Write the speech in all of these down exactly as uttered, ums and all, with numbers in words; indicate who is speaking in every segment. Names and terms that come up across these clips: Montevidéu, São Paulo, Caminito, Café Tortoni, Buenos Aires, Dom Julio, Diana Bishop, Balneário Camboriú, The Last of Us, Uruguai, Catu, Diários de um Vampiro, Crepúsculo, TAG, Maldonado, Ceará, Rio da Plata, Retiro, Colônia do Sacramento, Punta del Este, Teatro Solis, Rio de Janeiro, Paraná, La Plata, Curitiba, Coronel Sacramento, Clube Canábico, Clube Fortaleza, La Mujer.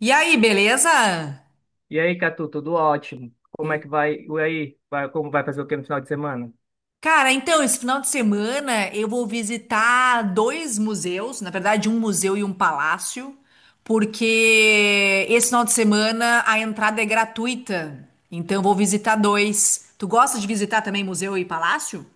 Speaker 1: E aí, beleza?
Speaker 2: E aí, Catu, tudo ótimo? Como é que vai? E aí, vai- como vai fazer o que no final de semana?
Speaker 1: Cara, então, esse final de semana eu vou visitar dois museus, na verdade, um museu e um palácio, porque esse final de semana a entrada é gratuita. Então, eu vou visitar dois. Tu gosta de visitar também museu e palácio?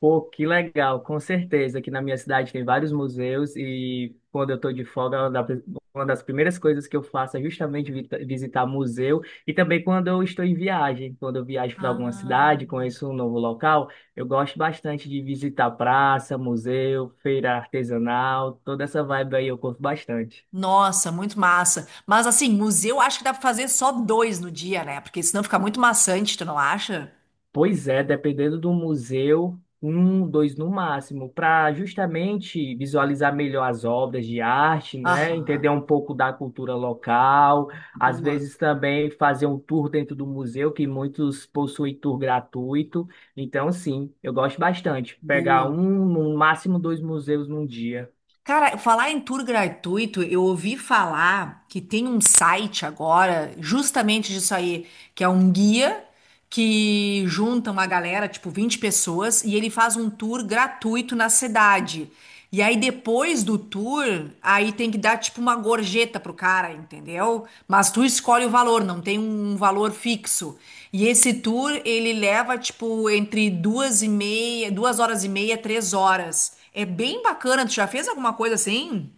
Speaker 2: Pô, que legal, com certeza. Aqui na minha cidade tem vários museus e quando eu estou de folga, é uma da- uma das primeiras coisas que eu faço é justamente vi- visitar museu e também quando eu estou em viagem. Quando eu viajo para alguma
Speaker 1: Ah,
Speaker 2: cidade, conheço um novo local, eu gosto bastante de visitar praça, museu, feira artesanal, toda essa vibe aí eu curto bastante.
Speaker 1: nossa, muito massa. Mas assim, museu acho que dá pra fazer só dois no dia, né? Porque senão fica muito maçante, tu não acha?
Speaker 2: Pois é, dependendo do museu, um, dois no máximo, para justamente visualizar melhor as obras de arte, né? Entender
Speaker 1: Aham,
Speaker 2: um pouco da cultura local, às
Speaker 1: boa,
Speaker 2: vezes também fazer um tour dentro do museu, que muitos possuem tour gratuito. Então, sim, eu gosto bastante. Pegar
Speaker 1: boa.
Speaker 2: um, no máximo dois museus num dia.
Speaker 1: Cara, falar em tour gratuito, eu ouvi falar que tem um site agora, justamente disso aí, que é um guia que junta uma galera, tipo vinte pessoas, e ele faz um tour gratuito na cidade. E aí depois do tour, aí tem que dar tipo uma gorjeta pro cara, entendeu? Mas tu escolhe o valor, não tem um valor fixo. E esse tour, ele leva tipo entre duas e meia, duas horas e meia, três horas. É bem bacana. Tu já fez alguma coisa assim?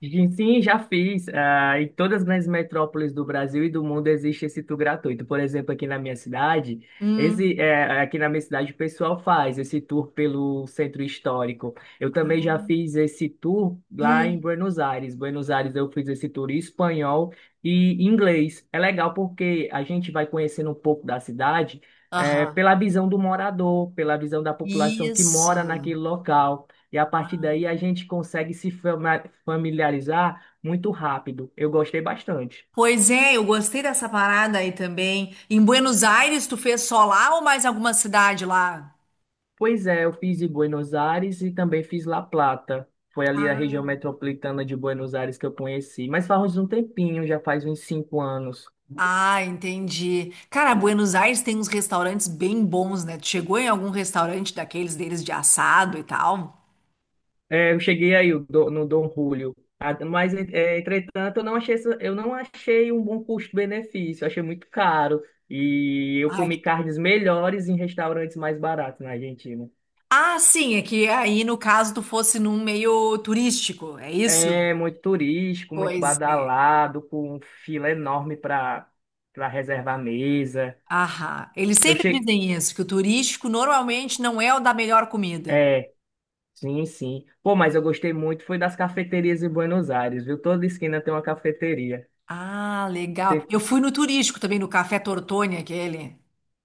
Speaker 2: Gente, sim, já fiz. Ah, em todas as grandes metrópoles do Brasil e do mundo existe esse tour gratuito. Por exemplo, aqui na minha cidade,
Speaker 1: Hum,
Speaker 2: esse, eh, aqui na minha cidade o pessoal faz esse tour pelo centro histórico. Eu também já fiz esse tour lá em
Speaker 1: hum,
Speaker 2: Buenos Aires. Buenos Aires eu fiz esse tour em espanhol e inglês. É legal porque a gente vai conhecendo um pouco da cidade, eh,
Speaker 1: aham.
Speaker 2: pela visão do morador, pela visão da população que
Speaker 1: Isso.
Speaker 2: mora naquele local. E a partir
Speaker 1: Ah.
Speaker 2: daí a gente consegue se familiarizar muito rápido. Eu gostei bastante.
Speaker 1: Pois é, eu gostei dessa parada aí também. Em Buenos Aires, tu fez só lá ou mais alguma cidade lá?
Speaker 2: Pois é, eu fiz em Buenos Aires e também fiz La Plata. Foi ali a região
Speaker 1: Ah,
Speaker 2: metropolitana de Buenos Aires que eu conheci. Mas faz um tempinho, já faz uns cinco anos.
Speaker 1: ah, entendi. Cara, Buenos Aires tem uns restaurantes bem bons, né? Tu chegou em algum restaurante daqueles deles de assado e tal?
Speaker 2: É, eu cheguei aí o do- no Dom Julio. Ah, mas, é, entretanto, eu não achei, essa- eu não achei um bom custo-benefício. Eu achei muito caro. E eu
Speaker 1: Ai,
Speaker 2: comi
Speaker 1: que-
Speaker 2: carnes melhores em restaurantes mais baratos na Argentina.
Speaker 1: ah, sim, é que aí no caso tu fosse num meio turístico, é isso?
Speaker 2: É muito turístico, muito
Speaker 1: Pois é.
Speaker 2: badalado, com um fila enorme para para reservar mesa.
Speaker 1: Ahá. Eles
Speaker 2: Eu
Speaker 1: sempre
Speaker 2: cheguei.
Speaker 1: dizem isso, que o turístico normalmente não é o da melhor comida.
Speaker 2: É, sim, sim. Pô, mas eu gostei muito, foi das cafeterias em Buenos Aires, viu? Toda esquina tem uma cafeteria.
Speaker 1: Ah, legal. Eu fui no turístico também, no Café Tortoni, aquele.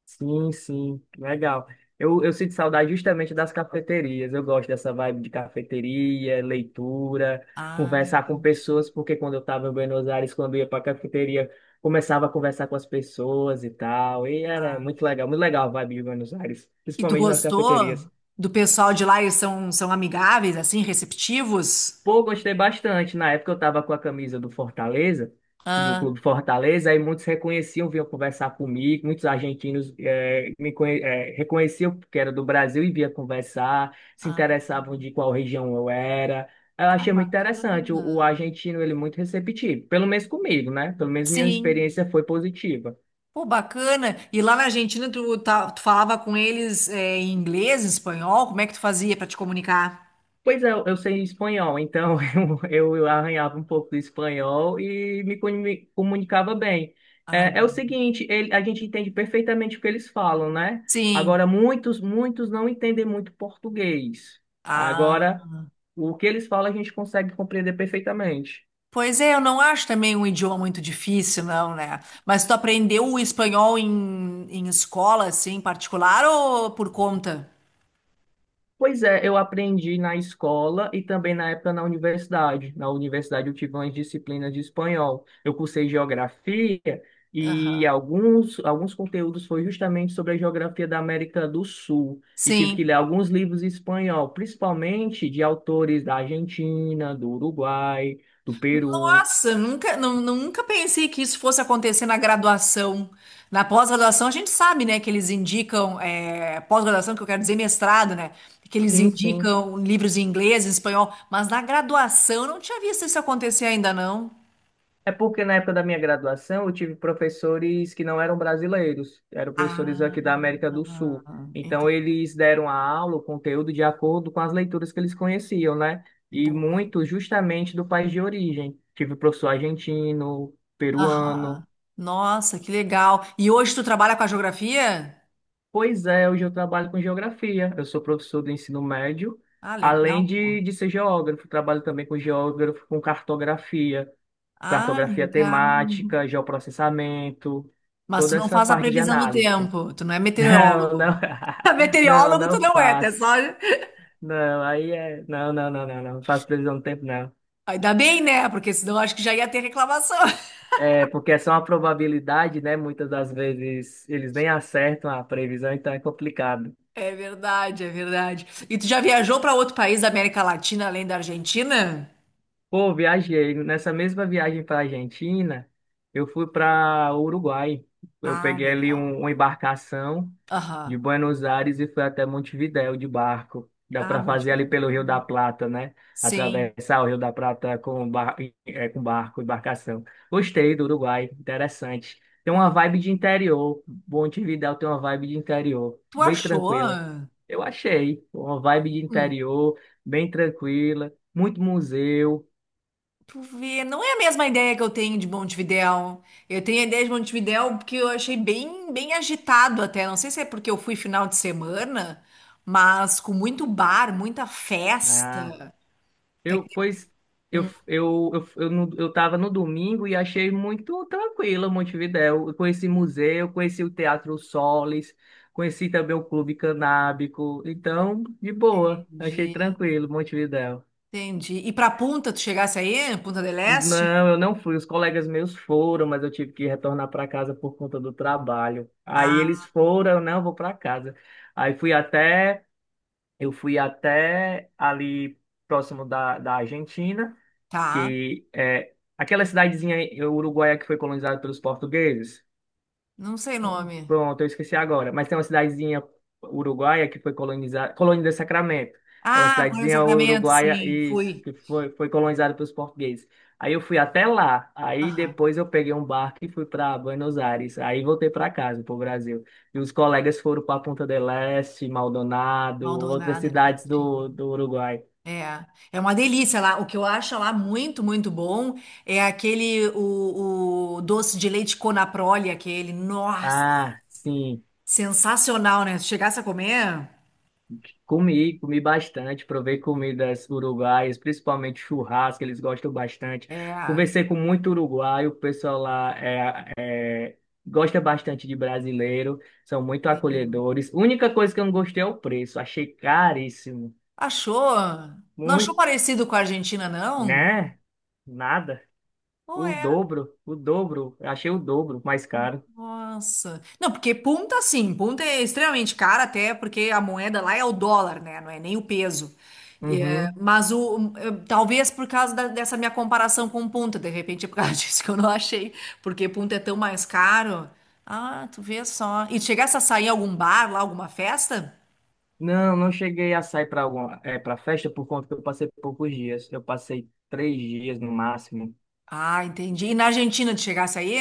Speaker 2: Sim, sim, legal. Eu, eu sinto saudade justamente das cafeterias. Eu gosto dessa vibe de cafeteria, leitura,
Speaker 1: Ah,
Speaker 2: conversar com
Speaker 1: entendi.
Speaker 2: pessoas, porque quando eu estava em Buenos Aires, quando eu ia para a cafeteria, começava a conversar com as pessoas e tal. E era
Speaker 1: Ah.
Speaker 2: muito legal, muito legal a vibe de Buenos Aires,
Speaker 1: E tu
Speaker 2: principalmente nas
Speaker 1: gostou
Speaker 2: cafeterias.
Speaker 1: do pessoal de lá? Eles são, são amigáveis, assim, receptivos?
Speaker 2: Pô, gostei bastante. Na época eu tava com a camisa do Fortaleza, do
Speaker 1: Ah,
Speaker 2: Clube Fortaleza, aí muitos reconheciam, vinham conversar comigo, muitos argentinos eh, me conhe- eh, reconheciam que era do Brasil e vinha conversar, se
Speaker 1: ah,
Speaker 2: interessavam de qual região eu era. Eu
Speaker 1: ah,
Speaker 2: achei muito interessante. O,
Speaker 1: bacana.
Speaker 2: o argentino, ele é muito receptivo, pelo menos comigo, né? Pelo menos minha
Speaker 1: Sim.
Speaker 2: experiência foi positiva.
Speaker 1: Pô, bacana. E lá na Argentina, tu, tá- tu falava com eles é, em inglês, em espanhol? Como é que tu fazia para te comunicar?
Speaker 2: Pois é, eu eu sei espanhol, então eu, eu arranhava um pouco do espanhol e me, comu- me comunicava bem.
Speaker 1: Ah,
Speaker 2: É, é o
Speaker 1: entendi.
Speaker 2: seguinte, ele- a gente entende perfeitamente o que eles falam, né?
Speaker 1: Sim.
Speaker 2: Agora, muitos, muitos não entendem muito português. Agora, o que eles falam a gente consegue compreender perfeitamente.
Speaker 1: Pois é, eu não acho também um idioma muito difícil, não, né? Mas tu aprendeu o espanhol em, em escola, assim, particular ou por conta?
Speaker 2: Pois é, eu aprendi na escola e também na época na universidade. Na universidade eu tive umas disciplinas de espanhol. Eu cursei geografia e
Speaker 1: Aham.
Speaker 2: alguns, alguns conteúdos foi justamente sobre a geografia da América do Sul. E tive que
Speaker 1: Sim.
Speaker 2: ler alguns livros em espanhol, principalmente de autores da Argentina, do Uruguai, do Peru.
Speaker 1: Nossa, nunca, nu- nunca pensei que isso fosse acontecer na graduação. Na pós-graduação, a gente sabe, né, que eles indicam, é, pós-graduação, que eu quero dizer mestrado, né, que eles
Speaker 2: Sim, sim.
Speaker 1: indicam livros em inglês, em espanhol, mas na graduação eu não tinha visto isso acontecer ainda, não.
Speaker 2: É porque na época da minha graduação eu tive professores que não eram brasileiros, eram professores
Speaker 1: Ah,
Speaker 2: aqui da América do Sul. Então
Speaker 1: entendi.
Speaker 2: eles deram a aula, o conteúdo de acordo com as leituras que eles conheciam, né? E muito justamente do país de origem. Tive professor argentino, peruano.
Speaker 1: Aham. Nossa, que legal. E hoje tu trabalha com a geografia?
Speaker 2: Pois é, hoje eu trabalho com geografia. Eu sou professor do ensino médio,
Speaker 1: Ah,
Speaker 2: além
Speaker 1: legal.
Speaker 2: de,
Speaker 1: Pô.
Speaker 2: de ser geógrafo, trabalho também com geógrafo, com cartografia.
Speaker 1: Ah,
Speaker 2: Cartografia
Speaker 1: legal.
Speaker 2: temática, geoprocessamento,
Speaker 1: Mas tu
Speaker 2: toda
Speaker 1: não
Speaker 2: essa
Speaker 1: faz a
Speaker 2: parte de
Speaker 1: previsão do
Speaker 2: análise.
Speaker 1: tempo, tu não é
Speaker 2: Não,
Speaker 1: meteorólogo.
Speaker 2: não, não,
Speaker 1: Meteorólogo tu
Speaker 2: não
Speaker 1: não é, tá
Speaker 2: faço.
Speaker 1: só.
Speaker 2: Não, aí é. Não, não, não, não, não, não faço previsão do tempo, não.
Speaker 1: Ainda bem, né? Porque senão eu acho que já ia ter reclamação.
Speaker 2: É, porque é só uma probabilidade, né? Muitas das vezes eles nem acertam a previsão, então é complicado.
Speaker 1: É verdade, é verdade. E tu já viajou para outro país da América Latina além da Argentina?
Speaker 2: Pô, viajei. Nessa mesma viagem para Argentina, eu fui para Uruguai. Eu
Speaker 1: Ah,
Speaker 2: peguei ali
Speaker 1: legal.
Speaker 2: um, uma embarcação
Speaker 1: Aham.
Speaker 2: de Buenos Aires e foi até Montevidéu de barco. Dá
Speaker 1: Ah,
Speaker 2: para
Speaker 1: muito
Speaker 2: fazer ali
Speaker 1: legal.
Speaker 2: pelo Rio da Plata, né?
Speaker 1: Sim.
Speaker 2: Atravessar o Rio da Plata com, bar... eh, com barco, embarcação. Gostei do Uruguai, interessante. Tem uma
Speaker 1: Pois.
Speaker 2: vibe de interior. Montevidéu tem uma vibe de interior,
Speaker 1: Tu
Speaker 2: bem
Speaker 1: achou?
Speaker 2: tranquila. Eu achei uma vibe de
Speaker 1: Hum.
Speaker 2: interior, bem tranquila, muito museu,
Speaker 1: Tu vê, não é a mesma ideia que eu tenho de Montevidéu. Eu tenho a ideia de Montevidéu porque eu achei bem, bem agitado até. Não sei se é porque eu fui final de semana, mas com muito bar, muita festa.
Speaker 2: né? Eu, pois eu, eu, eu, eu, no- eu tava no domingo e achei muito tranquilo Montevidéu. Eu conheci museu, conheci o Teatro Solis, conheci também o Clube Canábico. Então, de boa, achei
Speaker 1: Entendi.
Speaker 2: tranquilo Montevidéu.
Speaker 1: Entendi. E pra Punta, tu chegasse aí? Punta del Este?
Speaker 2: Não, eu não fui. Os colegas meus foram, mas eu tive que retornar para casa por conta do trabalho. Aí eles
Speaker 1: Ah,
Speaker 2: foram, eu não, vou para casa. Aí fui até, eu fui até ali próximo da, da Argentina,
Speaker 1: tá.
Speaker 2: que é aquela cidadezinha uruguaia que foi colonizada pelos portugueses.
Speaker 1: Não sei o nome.
Speaker 2: Pronto, eu esqueci agora. Mas tem uma cidadezinha uruguaia que foi colonizada, Colônia do Sacramento. É uma
Speaker 1: Ah, Coronel
Speaker 2: cidadezinha
Speaker 1: Sacramento,
Speaker 2: uruguaia,
Speaker 1: sim,
Speaker 2: isso,
Speaker 1: fui.
Speaker 2: que foi, foi colonizada pelos portugueses. Aí eu fui até lá. Aí
Speaker 1: Aham.
Speaker 2: depois eu peguei um barco e fui para Buenos Aires. Aí voltei para casa, para o Brasil. E os colegas foram para Punta del Este, Maldonado, outras
Speaker 1: Maldonado ali
Speaker 2: cidades do,
Speaker 1: pertinho.
Speaker 2: do Uruguai.
Speaker 1: É, é uma delícia lá. O que eu acho lá muito, muito bom é aquele, o, o doce de leite Conaprole, aquele. Nossa,
Speaker 2: Ah, sim.
Speaker 1: sensacional, né? Se chegasse a comer,
Speaker 2: Comi, comi bastante, provei comidas uruguaias, principalmente churrasco, eles gostam bastante.
Speaker 1: é,
Speaker 2: Conversei com muito uruguaio, o pessoal lá é, gosta bastante de brasileiro, são muito
Speaker 1: sim.
Speaker 2: acolhedores. Única coisa que eu não gostei é o preço, achei caríssimo,
Speaker 1: Achou? Não achou
Speaker 2: muito,
Speaker 1: parecido com a Argentina, não?
Speaker 2: né? Nada,
Speaker 1: Ou
Speaker 2: o
Speaker 1: é?
Speaker 2: dobro, o dobro, eu achei o dobro mais caro.
Speaker 1: Nossa. Não, porque Punta, sim, Punta é extremamente cara, até porque a moeda lá é o dólar, né? Não é nem o peso. É,
Speaker 2: Uhum.
Speaker 1: mas o, eh, talvez por causa da- dessa minha comparação com Punta, de repente é por causa disso que eu não achei, porque Punta é tão mais caro. Ah, tu vê só. E tu chegasse a sair em algum bar lá, alguma festa?
Speaker 2: Não, não cheguei a sair para alguma, é, para festa por conta que eu passei poucos dias, eu passei três dias no máximo.
Speaker 1: Ah, entendi. E na Argentina tu chegasse aí?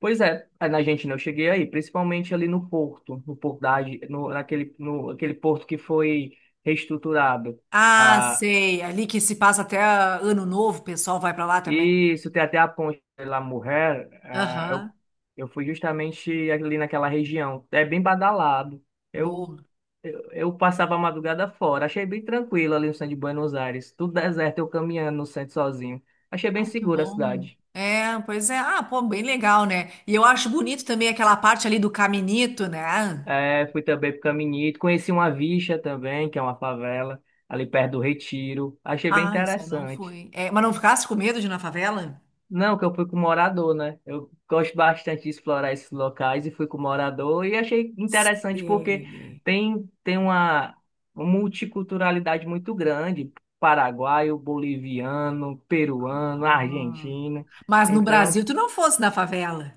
Speaker 2: Pois é, aí na Argentina eu cheguei aí, principalmente ali no Porto, no Porto da, Arge- no, naquele, no, aquele porto que foi reestruturado.
Speaker 1: Ah,
Speaker 2: Ah,
Speaker 1: sei. Ali que se passa até ah, Ano Novo, o pessoal vai pra lá também.
Speaker 2: e isso tem até a ponte de La Mujer, ah, eu,
Speaker 1: Aham.
Speaker 2: eu fui justamente ali naquela região. É bem badalado. Eu,
Speaker 1: Boa.
Speaker 2: eu, eu passava a madrugada fora, achei bem tranquilo ali no centro de Buenos Aires. Tudo deserto, eu caminhando no centro sozinho. Achei bem
Speaker 1: Que
Speaker 2: segura a
Speaker 1: bom.
Speaker 2: cidade.
Speaker 1: É, pois é. Ah, pô, bem legal, né? E eu acho bonito também aquela parte ali do caminito, né?
Speaker 2: É, fui também pro Caminito, conheci uma vicha também, que é uma favela, ali perto do Retiro. Achei bem
Speaker 1: Ah, isso eu não
Speaker 2: interessante.
Speaker 1: fui. É, mas não ficasse com medo de ir na favela?
Speaker 2: Não, que eu fui com morador, né? Eu gosto bastante de explorar esses locais e fui com morador e achei interessante porque
Speaker 1: Sei.
Speaker 2: tem, tem uma multiculturalidade muito grande, paraguaio, boliviano, peruano,
Speaker 1: Ah.
Speaker 2: argentino.
Speaker 1: Mas no
Speaker 2: Então,
Speaker 1: Brasil tu não fosse na favela.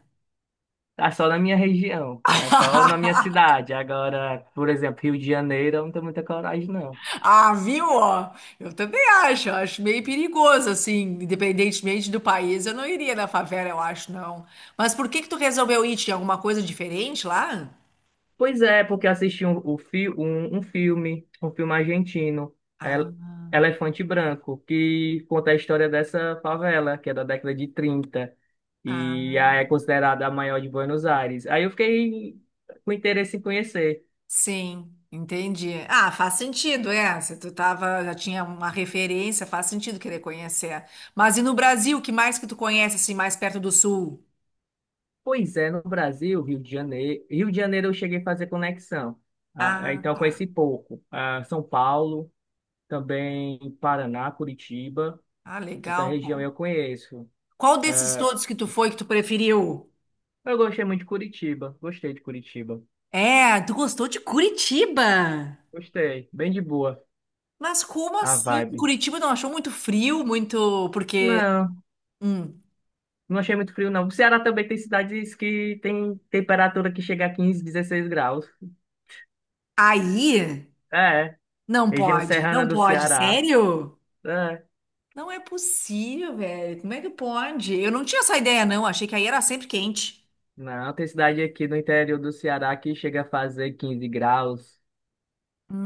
Speaker 2: tá só na minha região, é só na minha cidade. Agora, por exemplo, Rio de Janeiro, eu não tenho muita coragem, não.
Speaker 1: Ah, viu? Ó? Eu também acho, eu acho meio perigoso, assim, independentemente do país, eu não iria na favela, eu acho, não. Mas por que que tu resolveu ir? Tinha alguma coisa diferente lá?
Speaker 2: Pois é, porque assisti um, o fi- um, um filme, um filme argentino, El-
Speaker 1: Ah,
Speaker 2: Elefante Branco, que conta a história dessa favela, que é da década de trinta e
Speaker 1: ah.
Speaker 2: é considerada a maior de Buenos Aires. Aí eu fiquei com interesse em conhecer.
Speaker 1: Sim, entendi. Ah, faz sentido, é. Se tu tava, já tinha uma referência, faz sentido querer conhecer. Mas e no Brasil, o que mais que tu conhece, assim, mais perto do sul?
Speaker 2: Pois é, no Brasil, Rio de Janeiro, Rio de Janeiro eu cheguei a fazer conexão, ah,
Speaker 1: Ah,
Speaker 2: então eu conheci
Speaker 1: tá.
Speaker 2: pouco. Ah, São Paulo, também Paraná, Curitiba,
Speaker 1: Ah,
Speaker 2: essa
Speaker 1: legal,
Speaker 2: região
Speaker 1: bom.
Speaker 2: eu conheço.
Speaker 1: Qual desses todos que tu foi que tu preferiu?
Speaker 2: Eu gostei muito de Curitiba, gostei de Curitiba.
Speaker 1: É, tu gostou de Curitiba?
Speaker 2: Gostei. Bem de boa
Speaker 1: Mas como
Speaker 2: a
Speaker 1: assim?
Speaker 2: vibe.
Speaker 1: Curitiba não achou muito frio, muito. Porque.
Speaker 2: Não,
Speaker 1: Hum,
Speaker 2: não achei muito frio, não. O Ceará também tem cidades que tem temperatura que chega a quinze, dezesseis graus.
Speaker 1: aí?
Speaker 2: É,
Speaker 1: Não
Speaker 2: região
Speaker 1: pode, não
Speaker 2: serrana do
Speaker 1: pode,
Speaker 2: Ceará.
Speaker 1: sério?
Speaker 2: É.
Speaker 1: Não é possível, velho. Como é que pode? Eu não tinha essa ideia, não. Achei que aí era sempre quente.
Speaker 2: Não, tem cidade aqui no interior do Ceará que chega a fazer quinze graus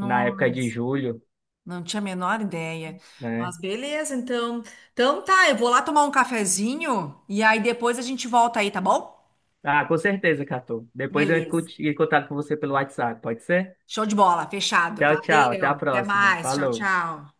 Speaker 2: na época de julho,
Speaker 1: não tinha a menor ideia.
Speaker 2: né?
Speaker 1: Mas beleza, então. Então tá, eu vou lá tomar um cafezinho e aí depois a gente volta aí, tá bom?
Speaker 2: Ah, com certeza, Catu. Depois eu entro
Speaker 1: Beleza.
Speaker 2: em contato com você pelo WhatsApp, pode ser?
Speaker 1: Show de bola, fechado.
Speaker 2: Tchau, tchau. Até a
Speaker 1: Valeu. Até
Speaker 2: próxima.
Speaker 1: mais. Tchau,
Speaker 2: Falou.
Speaker 1: tchau.